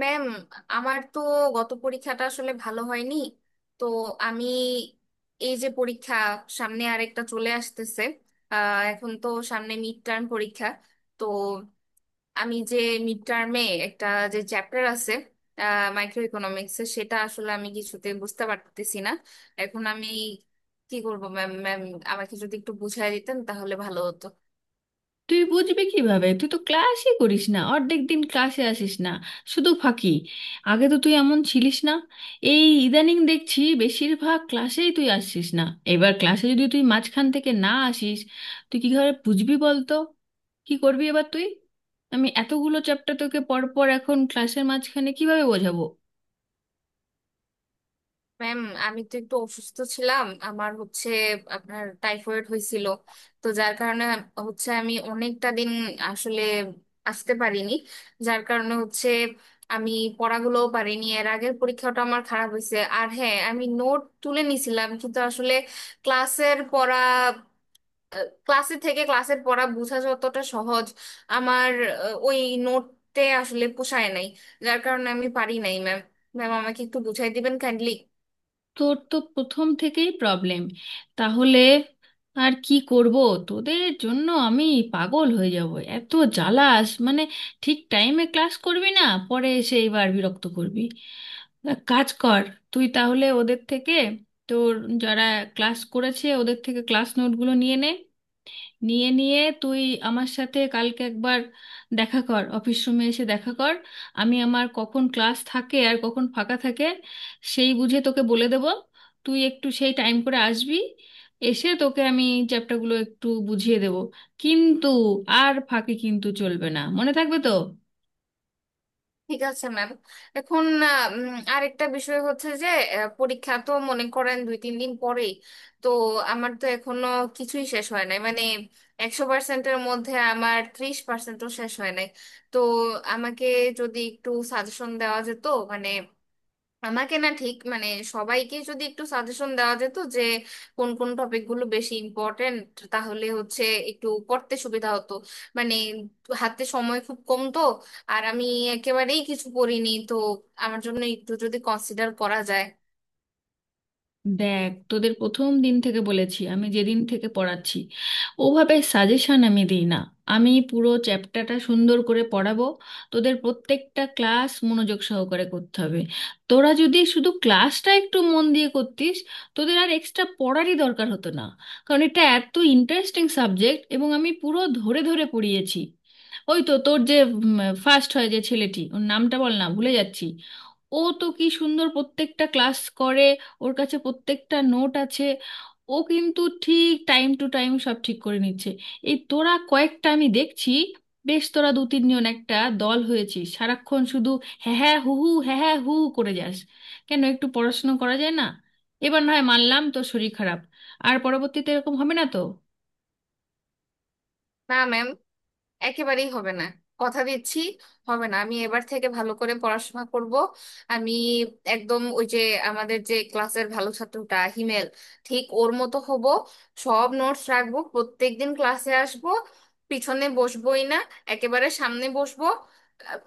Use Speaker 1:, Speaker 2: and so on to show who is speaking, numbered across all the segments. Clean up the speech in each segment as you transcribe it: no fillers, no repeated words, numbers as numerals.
Speaker 1: Ma'am, আমার তো গত পরীক্ষাটা আসলে ভালো হয়নি। তো আমি, এই যে পরীক্ষা সামনে আরেকটা চলে আসতেছে, এখন তো সামনে মিড টার্ম পরীক্ষা। তো আমি যে মিড টার্মে একটা যে চ্যাপ্টার আছে মাইক্রো ইকোনমিক্সের, সেটা আসলে আমি কিছুতে বুঝতে পারতেছি না। এখন আমি কি করব? ম্যাম ম্যাম আমাকে যদি একটু বুঝাই দিতেন তাহলে ভালো হতো।
Speaker 2: তুই বুঝবি কিভাবে? তুই তো ক্লাসই করিস না, অর্ধেক দিন ক্লাসে আসিস না, শুধু ফাঁকি। আগে তো তুই এমন ছিলিস না, এই ইদানিং দেখছি বেশিরভাগ ক্লাসেই তুই আসছিস না। এবার ক্লাসে যদি তুই মাঝখান থেকে না আসিস, তুই কি করে বুঝবি বলতো? কি করবি এবার তুই? আমি এতগুলো চ্যাপ্টার তোকে পরপর এখন ক্লাসের মাঝখানে কিভাবে বোঝাবো?
Speaker 1: ম্যাম, আমি তো একটু অসুস্থ ছিলাম, আমার হচ্ছে আপনার টাইফয়েড হয়েছিল, তো যার কারণে হচ্ছে আমি অনেকটা দিন আসলে আসতে পারিনি, যার কারণে হচ্ছে আমি পড়াগুলোও পারিনি। এর আগের পরীক্ষাটা আমার খারাপ হয়েছে। আর হ্যাঁ, আমি নোট তুলে নিছিলাম কিন্তু আসলে ক্লাসের পড়া, ক্লাসে থেকে ক্লাসের পড়া বোঝা যতটা সহজ, আমার ওই নোটতে আসলে পোষায় নাই, যার কারণে আমি পারি নাই ম্যাম। ম্যাম, আমাকে একটু বুঝাই দিবেন কাইন্ডলি।
Speaker 2: তোর তো প্রথম থেকেই প্রবলেম, তাহলে আর কি করব? তোদের জন্য আমি পাগল হয়ে যাব। এত জ্বালাস মানে! ঠিক টাইমে ক্লাস করবি না, পরে এসে এবার বিরক্ত করবি। এক কাজ কর, তুই তাহলে ওদের থেকে, তোর যারা ক্লাস করেছে ওদের থেকে ক্লাস নোটগুলো নিয়ে নে। নিয়ে নিয়ে তুই আমার সাথে কালকে একবার দেখা কর, অফিস রুমে এসে দেখা কর। আমি আমার কখন ক্লাস থাকে আর কখন ফাঁকা থাকে সেই বুঝে তোকে বলে দেব। তুই একটু সেই টাইম করে আসবি, এসে তোকে আমি চ্যাপ্টারগুলো একটু বুঝিয়ে দেব। কিন্তু আর ফাঁকি কিন্তু চলবে না, মনে থাকবে তো?
Speaker 1: ঠিক আছে ম্যাম। এখন আরেকটা বিষয় হচ্ছে যে, পরীক্ষা তো মনে করেন দুই তিন দিন পরেই। তো আমার তো এখনো কিছুই শেষ হয় নাই, মানে 100 পার্সেন্টের মধ্যে আমার 30 পার্সেন্টও শেষ হয় নাই। তো আমাকে যদি একটু সাজেশন দেওয়া যেত, মানে আমাকে না ঠিক, মানে সবাইকে যদি একটু সাজেশন দেওয়া যেত যে কোন কোন টপিকগুলো বেশি ইম্পর্টেন্ট, তাহলে হচ্ছে একটু পড়তে সুবিধা হতো। মানে হাতে সময় খুব কম তো, আর আমি একেবারেই কিছু পড়িনি তো। আমার জন্য একটু যদি কনসিডার করা যায়।
Speaker 2: দেখ, তোদের প্রথম দিন থেকে বলেছি, আমি যেদিন থেকে পড়াচ্ছি ওভাবে সাজেশন আমি দিই না। আমি পুরো চ্যাপ্টারটা সুন্দর করে পড়াবো, তোদের প্রত্যেকটা ক্লাস মনোযোগ সহকারে করতে হবে। তোরা যদি শুধু ক্লাসটা একটু মন দিয়ে করতিস, তোদের আর এক্সট্রা পড়ারই দরকার হতো না। কারণ এটা এত ইন্টারেস্টিং সাবজেক্ট, এবং আমি পুরো ধরে ধরে পড়িয়েছি। ওই তো তোর যে ফার্স্ট হয় যে ছেলেটি, ওর নামটা বল না, ভুলে যাচ্ছি। ও তো কি সুন্দর প্রত্যেকটা ক্লাস করে, ওর কাছে প্রত্যেকটা নোট আছে। ও কিন্তু ঠিক টাইম টু টাইম সব ঠিক করে নিচ্ছে। এই তোরা কয়েকটা আমি দেখছি, বেশ তোরা দু তিনজন একটা দল হয়েছিস, সারাক্ষণ শুধু হ্যাঁ হ্যাঁ হু হু হ্যাঁ হ্যাঁ হু হু করে যাস। কেন একটু পড়াশোনা করা যায় না? এবার না হয় মানলাম তোর শরীর খারাপ, আর পরবর্তীতে এরকম হবে না তো?
Speaker 1: না ম্যাম, একেবারেই হবে না, কথা দিচ্ছি, হবে না। আমি এবার থেকে ভালো করে পড়াশোনা করব। আমি একদম ওই যে আমাদের যে ক্লাসের ভালো ছাত্রটা হিমেল, ঠিক ওর মতো হব। সব নোটস রাখবো, প্রত্যেকদিন ক্লাসে আসব, পিছনে বসবোই না, একেবারে সামনে বসবো। আহ,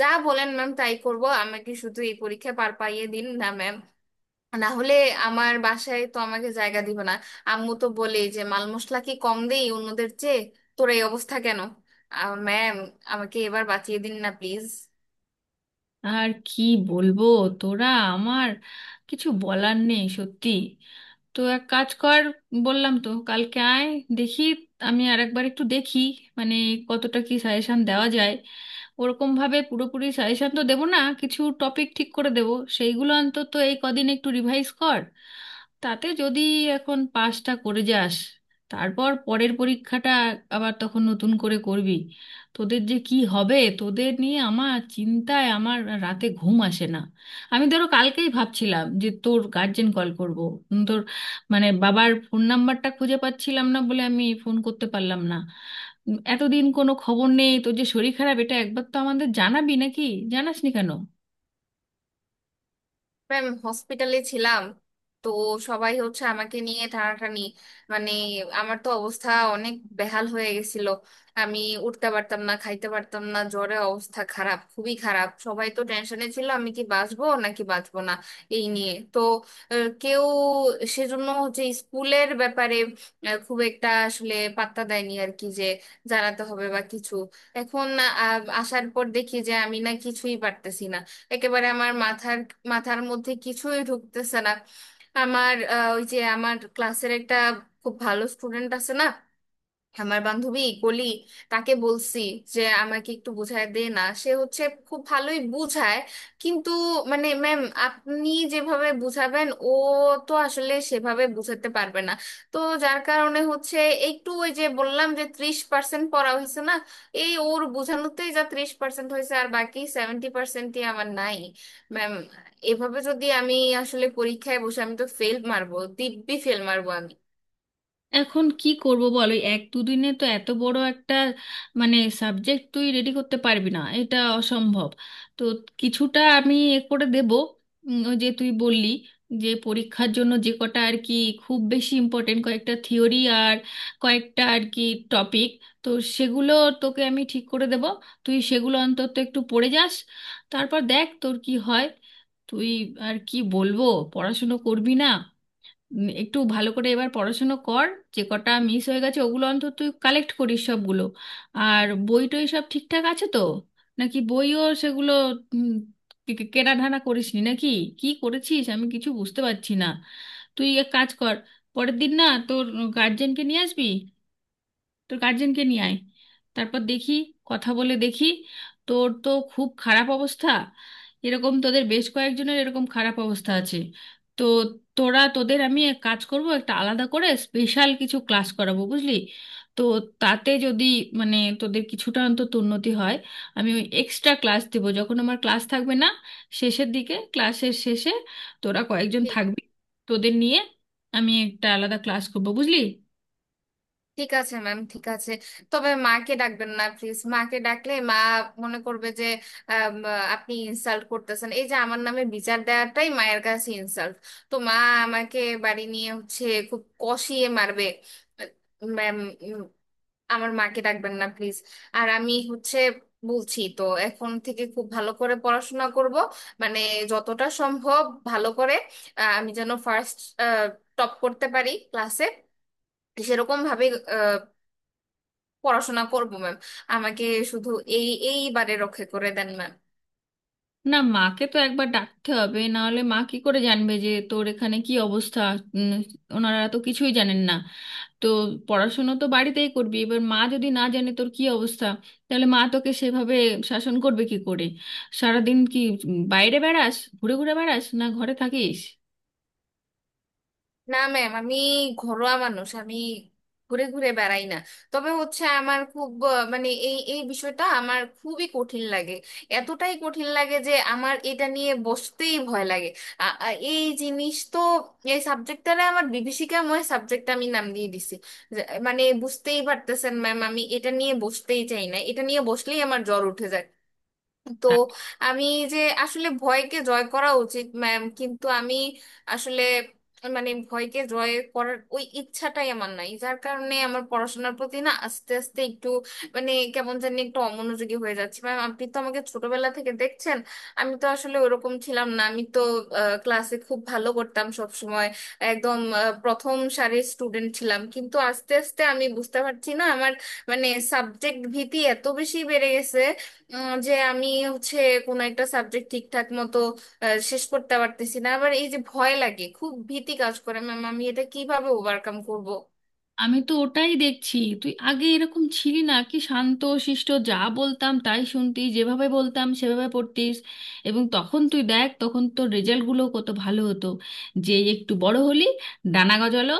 Speaker 1: যা বলেন ম্যাম তাই করব, আমাকে শুধু এই পরীক্ষা পার পাইয়ে দিন না ম্যাম। না হলে আমার বাসায় তো আমাকে জায়গা দিবে না। আম্মু তো বলেই যে, মাল মশলা কি কম দেই অন্যদের চেয়ে, তোর এই অবস্থা কেন? ম্যাম, আমাকে এবার বাঁচিয়ে দিন না প্লিজ।
Speaker 2: আর কি বলবো তোরা, আমার কিছু বলার নেই সত্যি। তো এক কাজ কর, বললাম তো কালকে আয়। দেখি, আমি আর একবার একটু দেখি মানে কতটা কি সাজেশন দেওয়া যায়। ওরকম ভাবে পুরোপুরি সাজেশন তো দেবো না, কিছু টপিক ঠিক করে দেবো। সেইগুলো অন্তত এই কদিন একটু রিভাইজ কর। তাতে যদি এখন পাসটা করে যাস, তারপর পরের পরীক্ষাটা আবার তখন নতুন করে করবি। তোদের যে কি হবে, তোদের নিয়ে আমার চিন্তায় আমার রাতে ঘুম আসে না। আমি ধরো কালকেই ভাবছিলাম যে তোর গার্জেন কল করব। তোর মানে বাবার ফোন নাম্বারটা খুঁজে পাচ্ছিলাম না বলে আমি ফোন করতে পারলাম না। এতদিন কোনো খবর নেই, তোর যে শরীর খারাপ এটা একবার তো আমাদের জানাবি নাকি? জানাসনি কেন?
Speaker 1: আমি হসপিটালে ছিলাম, তো সবাই হচ্ছে আমাকে নিয়ে টানাটানি, মানে আমার তো অবস্থা অনেক বেহাল হয়ে গেছিল। আমি উঠতে পারতাম না, খাইতে পারতাম না, জ্বরে অবস্থা খারাপ, খুবই খারাপ। সবাই তো টেনশনে ছিল আমি কি বাঁচবো নাকি বাঁচবো না, এই নিয়ে তো কেউ, সেজন্য হচ্ছে স্কুলের ব্যাপারে খুব একটা আসলে পাত্তা দেয়নি আর কি, যে জানাতে হবে বা কিছু। এখন আসার পর দেখি যে আমি না কিছুই পারতেছি না, একেবারে আমার মাথার মাথার মধ্যে কিছুই ঢুকতেছে না। আমার ওই যে আমার ক্লাসের একটা খুব ভালো স্টুডেন্ট আছে না, আমার বান্ধবী কলি, তাকে বলছি যে আমাকে একটু বুঝায় দে না। সে হচ্ছে খুব ভালোই বুঝায় কিন্তু, মানে ম্যাম, আপনি যেভাবে বুঝাবেন ও তো আসলে সেভাবে বুঝাতে পারবে না। তো যার কারণে হচ্ছে, একটু ওই যে বললাম যে 30 পার্সেন্ট পড়া হয়েছে না, এই ওর বোঝানোতেই যা 30 পার্সেন্ট হয়েছে, আর বাকি 70 পার্সেন্টই আমার নাই ম্যাম। এভাবে যদি আমি আসলে পরীক্ষায় বসে, আমি তো ফেল মারবো, দিব্যি ফেল মারবো আমি।
Speaker 2: এখন কি করব বলো, এই এক দুদিনে তো এত বড় একটা মানে সাবজেক্ট তুই রেডি করতে পারবি না, এটা অসম্ভব। তো কিছুটা আমি এ করে দেব। ওই যে তুই বললি যে পরীক্ষার জন্য যে কটা আর কি খুব বেশি ইম্পর্টেন্ট কয়েকটা থিওরি আর কয়েকটা আর কি টপিক, তো সেগুলো তোকে আমি ঠিক করে দেব। তুই সেগুলো অন্তত একটু পড়ে যাস, তারপর দেখ তোর কি হয়। তুই আর কি বলবো, পড়াশুনো করবি না? একটু ভালো করে এবার পড়াশুনো কর। যে কটা মিস হয়ে গেছে, ওগুলো অন্তত তুই কালেক্ট করিস সবগুলো। আর বই টই সব ঠিকঠাক আছে তো? নাকি বইও সেগুলো উম, কে- কে- কেনাঢানা করিসনি নাকি? কি করেছিস আমি কিছু বুঝতে পারছি না। তুই এক কাজ কর, পরের দিন না তোর গার্জেনকে নিয়ে আসবি। তোর গার্জেনকে নিয়ে আয়, তারপর দেখি, কথা বলে দেখি। তোর তো খুব খারাপ অবস্থা, এরকম তোদের বেশ কয়েকজনের এরকম খারাপ অবস্থা আছে। তো তোরা, তোদের আমি এক কাজ করব, একটা আলাদা করে স্পেশাল কিছু ক্লাস করাবো, বুঝলি? তো তাতে যদি মানে তোদের কিছুটা অন্তত উন্নতি হয়। আমি ওই এক্সট্রা ক্লাস দেব যখন আমার ক্লাস থাকবে না, শেষের দিকে, ক্লাসের শেষে তোরা কয়েকজন থাকবি, তোদের নিয়ে আমি একটা আলাদা ক্লাস করবো, বুঝলি?
Speaker 1: ঠিক আছে ম্যাম, ঠিক আছে। তবে মাকে ডাকবেন না প্লিজ। মাকে ডাকলে মা মনে করবে যে, আম, আপনি ইনসাল্ট করতেছেন। এই যে আমার নামে বিচার দেওয়াটাই মায়ের কাছে ইনসাল্ট। তো মা আমাকে বাড়ি নিয়ে হচ্ছে খুব কষিয়ে মারবে। ম্যাম, আমার মাকে ডাকবেন না প্লিজ। আর আমি হচ্ছে বলছি তো, এখন থেকে খুব ভালো করে পড়াশোনা করব, মানে যতটা সম্ভব ভালো করে। আমি যেন ফার্স্ট টপ করতে পারি ক্লাসে, সেরকম ভাবে পড়াশোনা করব ম্যাম। আমাকে শুধু এই এইবারে রক্ষা করে দেন ম্যাম।
Speaker 2: না, মাকে তো একবার ডাকতে হবে, না হলে মা কি করে জানবে যে তোর এখানে কি অবস্থা? উম, ওনারা তো কিছুই জানেন না। তো পড়াশুনো তো বাড়িতেই করবি, এবার মা যদি না জানে তোর কি অবস্থা, তাহলে মা তোকে সেভাবে শাসন করবে কি করে? সারাদিন কি বাইরে বেড়াস, ঘুরে ঘুরে বেড়াস, না ঘরে থাকিস?
Speaker 1: না ম্যাম, আমি ঘরোয়া মানুষ, আমি ঘুরে ঘুরে বেড়াই না। তবে হচ্ছে আমার খুব মানে এই এই বিষয়টা আমার খুবই কঠিন লাগে, এতটাই কঠিন লাগে যে আমার এটা নিয়ে বসতেই ভয় লাগে। এই জিনিস তো, এই সাবজেক্টটারে আমার বিভীষিকাময় সাবজেক্ট আমি নাম দিয়ে দিছি। মানে বুঝতেই পারতেছেন ম্যাম, আমি এটা নিয়ে বসতেই চাই না, এটা নিয়ে বসলেই আমার জ্বর উঠে যায়। তো আমি যে আসলে ভয়কে জয় করা উচিত ম্যাম, কিন্তু আমি আসলে, মানে ভয়কে জয় করার ওই ইচ্ছাটাই আমার নাই, যার কারণে আমার পড়াশোনার প্রতি না আস্তে আস্তে একটু, মানে কেমন জানি একটু অমনোযোগী হয়ে যাচ্ছে ম্যাম। আপনি তো আমাকে ছোটবেলা থেকে দেখছেন, আমি তো আসলে ওরকম ছিলাম না। আমি তো ক্লাসে খুব ভালো করতাম সব সময়, একদম প্রথম সারির স্টুডেন্ট ছিলাম, কিন্তু আস্তে আস্তে আমি বুঝতে পারছি না আমার, মানে সাবজেক্ট ভীতি এত বেশি বেড়ে গেছে যে আমি হচ্ছে কোনো একটা সাবজেক্ট ঠিকঠাক মতো শেষ করতে পারতেছি না। আবার এই যে ভয় লাগে, খুব ভীতি কাজ করে ম্যাম, আমি এটা কিভাবে ওভারকাম করব?
Speaker 2: আমি তো ওটাই দেখছি, তুই আগে এরকম ছিলি না, কি শান্ত শিষ্ট, যা বলতাম তাই শুনতি, যেভাবে বলতাম সেভাবে পড়তিস। এবং তখন তুই দেখ তখন তোর রেজাল্টগুলো কত ভালো হতো। যে একটু বড় হলি, ডানা গজালো,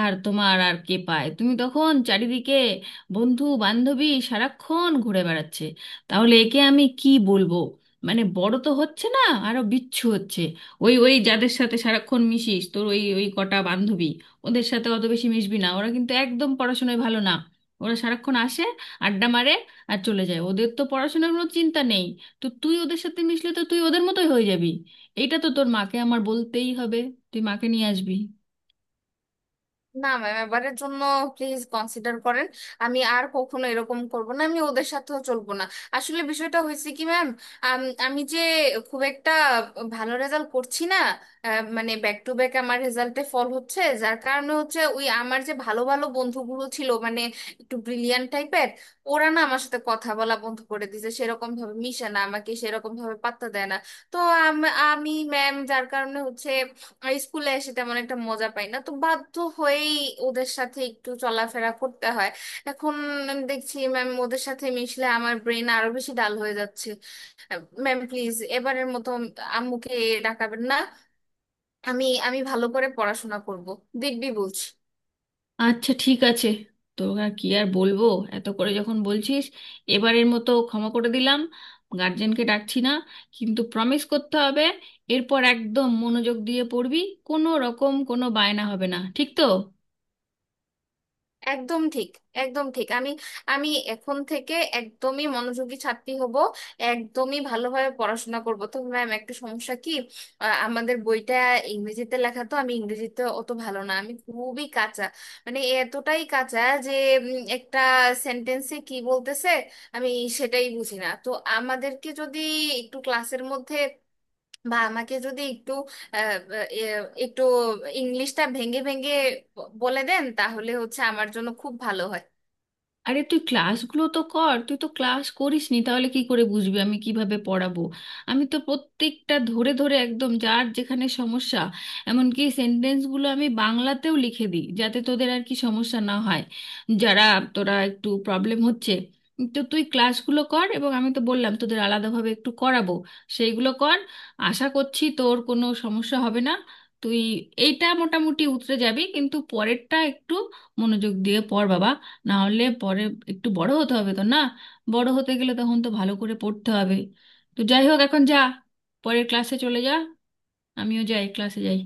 Speaker 2: আর তোমার আর কে পায়, তুমি তখন চারিদিকে বন্ধু বান্ধবী সারাক্ষণ ঘুরে বেড়াচ্ছে। তাহলে একে আমি কি বলবো? মানে বড় তো হচ্ছে না, আরো বিচ্ছু হচ্ছে। ওই ওই যাদের সাথে সারাক্ষণ মিশিস, তোর ওই ওই কটা বান্ধবী, ওদের সাথে অত বেশি মিশবি না, ওরা কিন্তু একদম পড়াশোনায় ভালো না। ওরা সারাক্ষণ আসে, আড্ডা মারে আর চলে যায়, ওদের তো পড়াশোনার কোনো চিন্তা নেই। তো তুই ওদের সাথে মিশলে তো তুই ওদের মতোই হয়ে যাবি। এইটা তো তোর মাকে আমার বলতেই হবে, তুই মাকে নিয়ে আসবি।
Speaker 1: না ম্যাম, এবারের জন্য প্লিজ কনসিডার করেন, আমি আর কখনো এরকম করব না, আমি ওদের সাথেও চলবো না। আসলে বিষয়টা হয়েছে কি ম্যাম, আমি যে খুব একটা ভালো রেজাল্ট করছি না, মানে ব্যাক টু ব্যাক আমার রেজাল্টে ফল হচ্ছে, যার কারণে হচ্ছে ওই আমার যে ভালো ভালো বন্ধুগুলো ছিল, মানে একটু ব্রিলিয়ান্ট টাইপের, ওরা না আমার সাথে কথা বলা বন্ধ করে দিয়েছে, সেরকম ভাবে মিশে না, আমাকে সেরকম ভাবে পাত্তা দেয় না। তো আমি ম্যাম যার কারণে হচ্ছে আর স্কুলে এসে তেমন একটা মজা পাই না, তো বাধ্য হয়েই ওদের সাথে একটু চলাফেরা করতে হয়। এখন আমি দেখছি ম্যাম, ওদের সাথে মিশলে আমার ব্রেন আরো বেশি ডাল হয়ে যাচ্ছে। ম্যাম প্লিজ, এবারের মতো আম্মুকে ডাকাবেন না। আমি আমি ভালো করে পড়াশোনা করব, দেখবি বলছি।
Speaker 2: আচ্ছা, ঠিক আছে। তোর আর কি আর বলবো, এত করে যখন বলছিস, এবারের মতো ক্ষমা করে দিলাম, গার্জেনকে ডাকছি না। কিন্তু প্রমিস করতে হবে, এরপর একদম মনোযোগ দিয়ে পড়বি, কোনো রকম কোনো বায়না হবে না, ঠিক তো?
Speaker 1: একদম ঠিক, একদম ঠিক। আমি আমি এখন থেকে একদমই মনোযোগী ছাত্রী হব, একদমই ভালোভাবে পড়াশোনা করব। তো ম্যাম, একটা সমস্যা কি, আমাদের বইটা ইংরেজিতে লেখা তো, আমি ইংরেজিতে অত ভালো না, আমি খুবই কাঁচা, মানে এতটাই কাঁচা যে একটা সেন্টেন্সে কি বলতেছে আমি সেটাই বুঝি না। তো আমাদেরকে যদি একটু ক্লাসের মধ্যে, বা আমাকে যদি একটু আহ, এ, একটু ইংলিশটা ভেঙে ভেঙে বলে দেন তাহলে হচ্ছে আমার জন্য খুব ভালো হয়।
Speaker 2: আরে তুই ক্লাসগুলো তো কর, তুই তো ক্লাস করিস নি, তাহলে কি করে বুঝবি আমি কিভাবে পড়াবো? আমি তো প্রত্যেকটা ধরে ধরে একদম যার যেখানে সমস্যা, এমনকি সেন্টেন্সগুলো আমি বাংলাতেও লিখে দিই যাতে তোদের আর কি সমস্যা না হয়, যারা তোরা একটু প্রবলেম হচ্ছে। তো তুই ক্লাসগুলো কর, এবং আমি তো বললাম তোদের আলাদাভাবে একটু করাবো, সেইগুলো কর। আশা করছি তোর কোনো সমস্যা হবে না, তুই এইটা মোটামুটি উতরে যাবি। কিন্তু পরেরটা একটু মনোযোগ দিয়ে পড় বাবা, না হলে পরে একটু বড় হতে হবে তো না? বড় হতে গেলে তখন তো ভালো করে পড়তে হবে। তো যাই হোক, এখন যা, পরের ক্লাসে চলে যা, আমিও যাই, ক্লাসে যাই।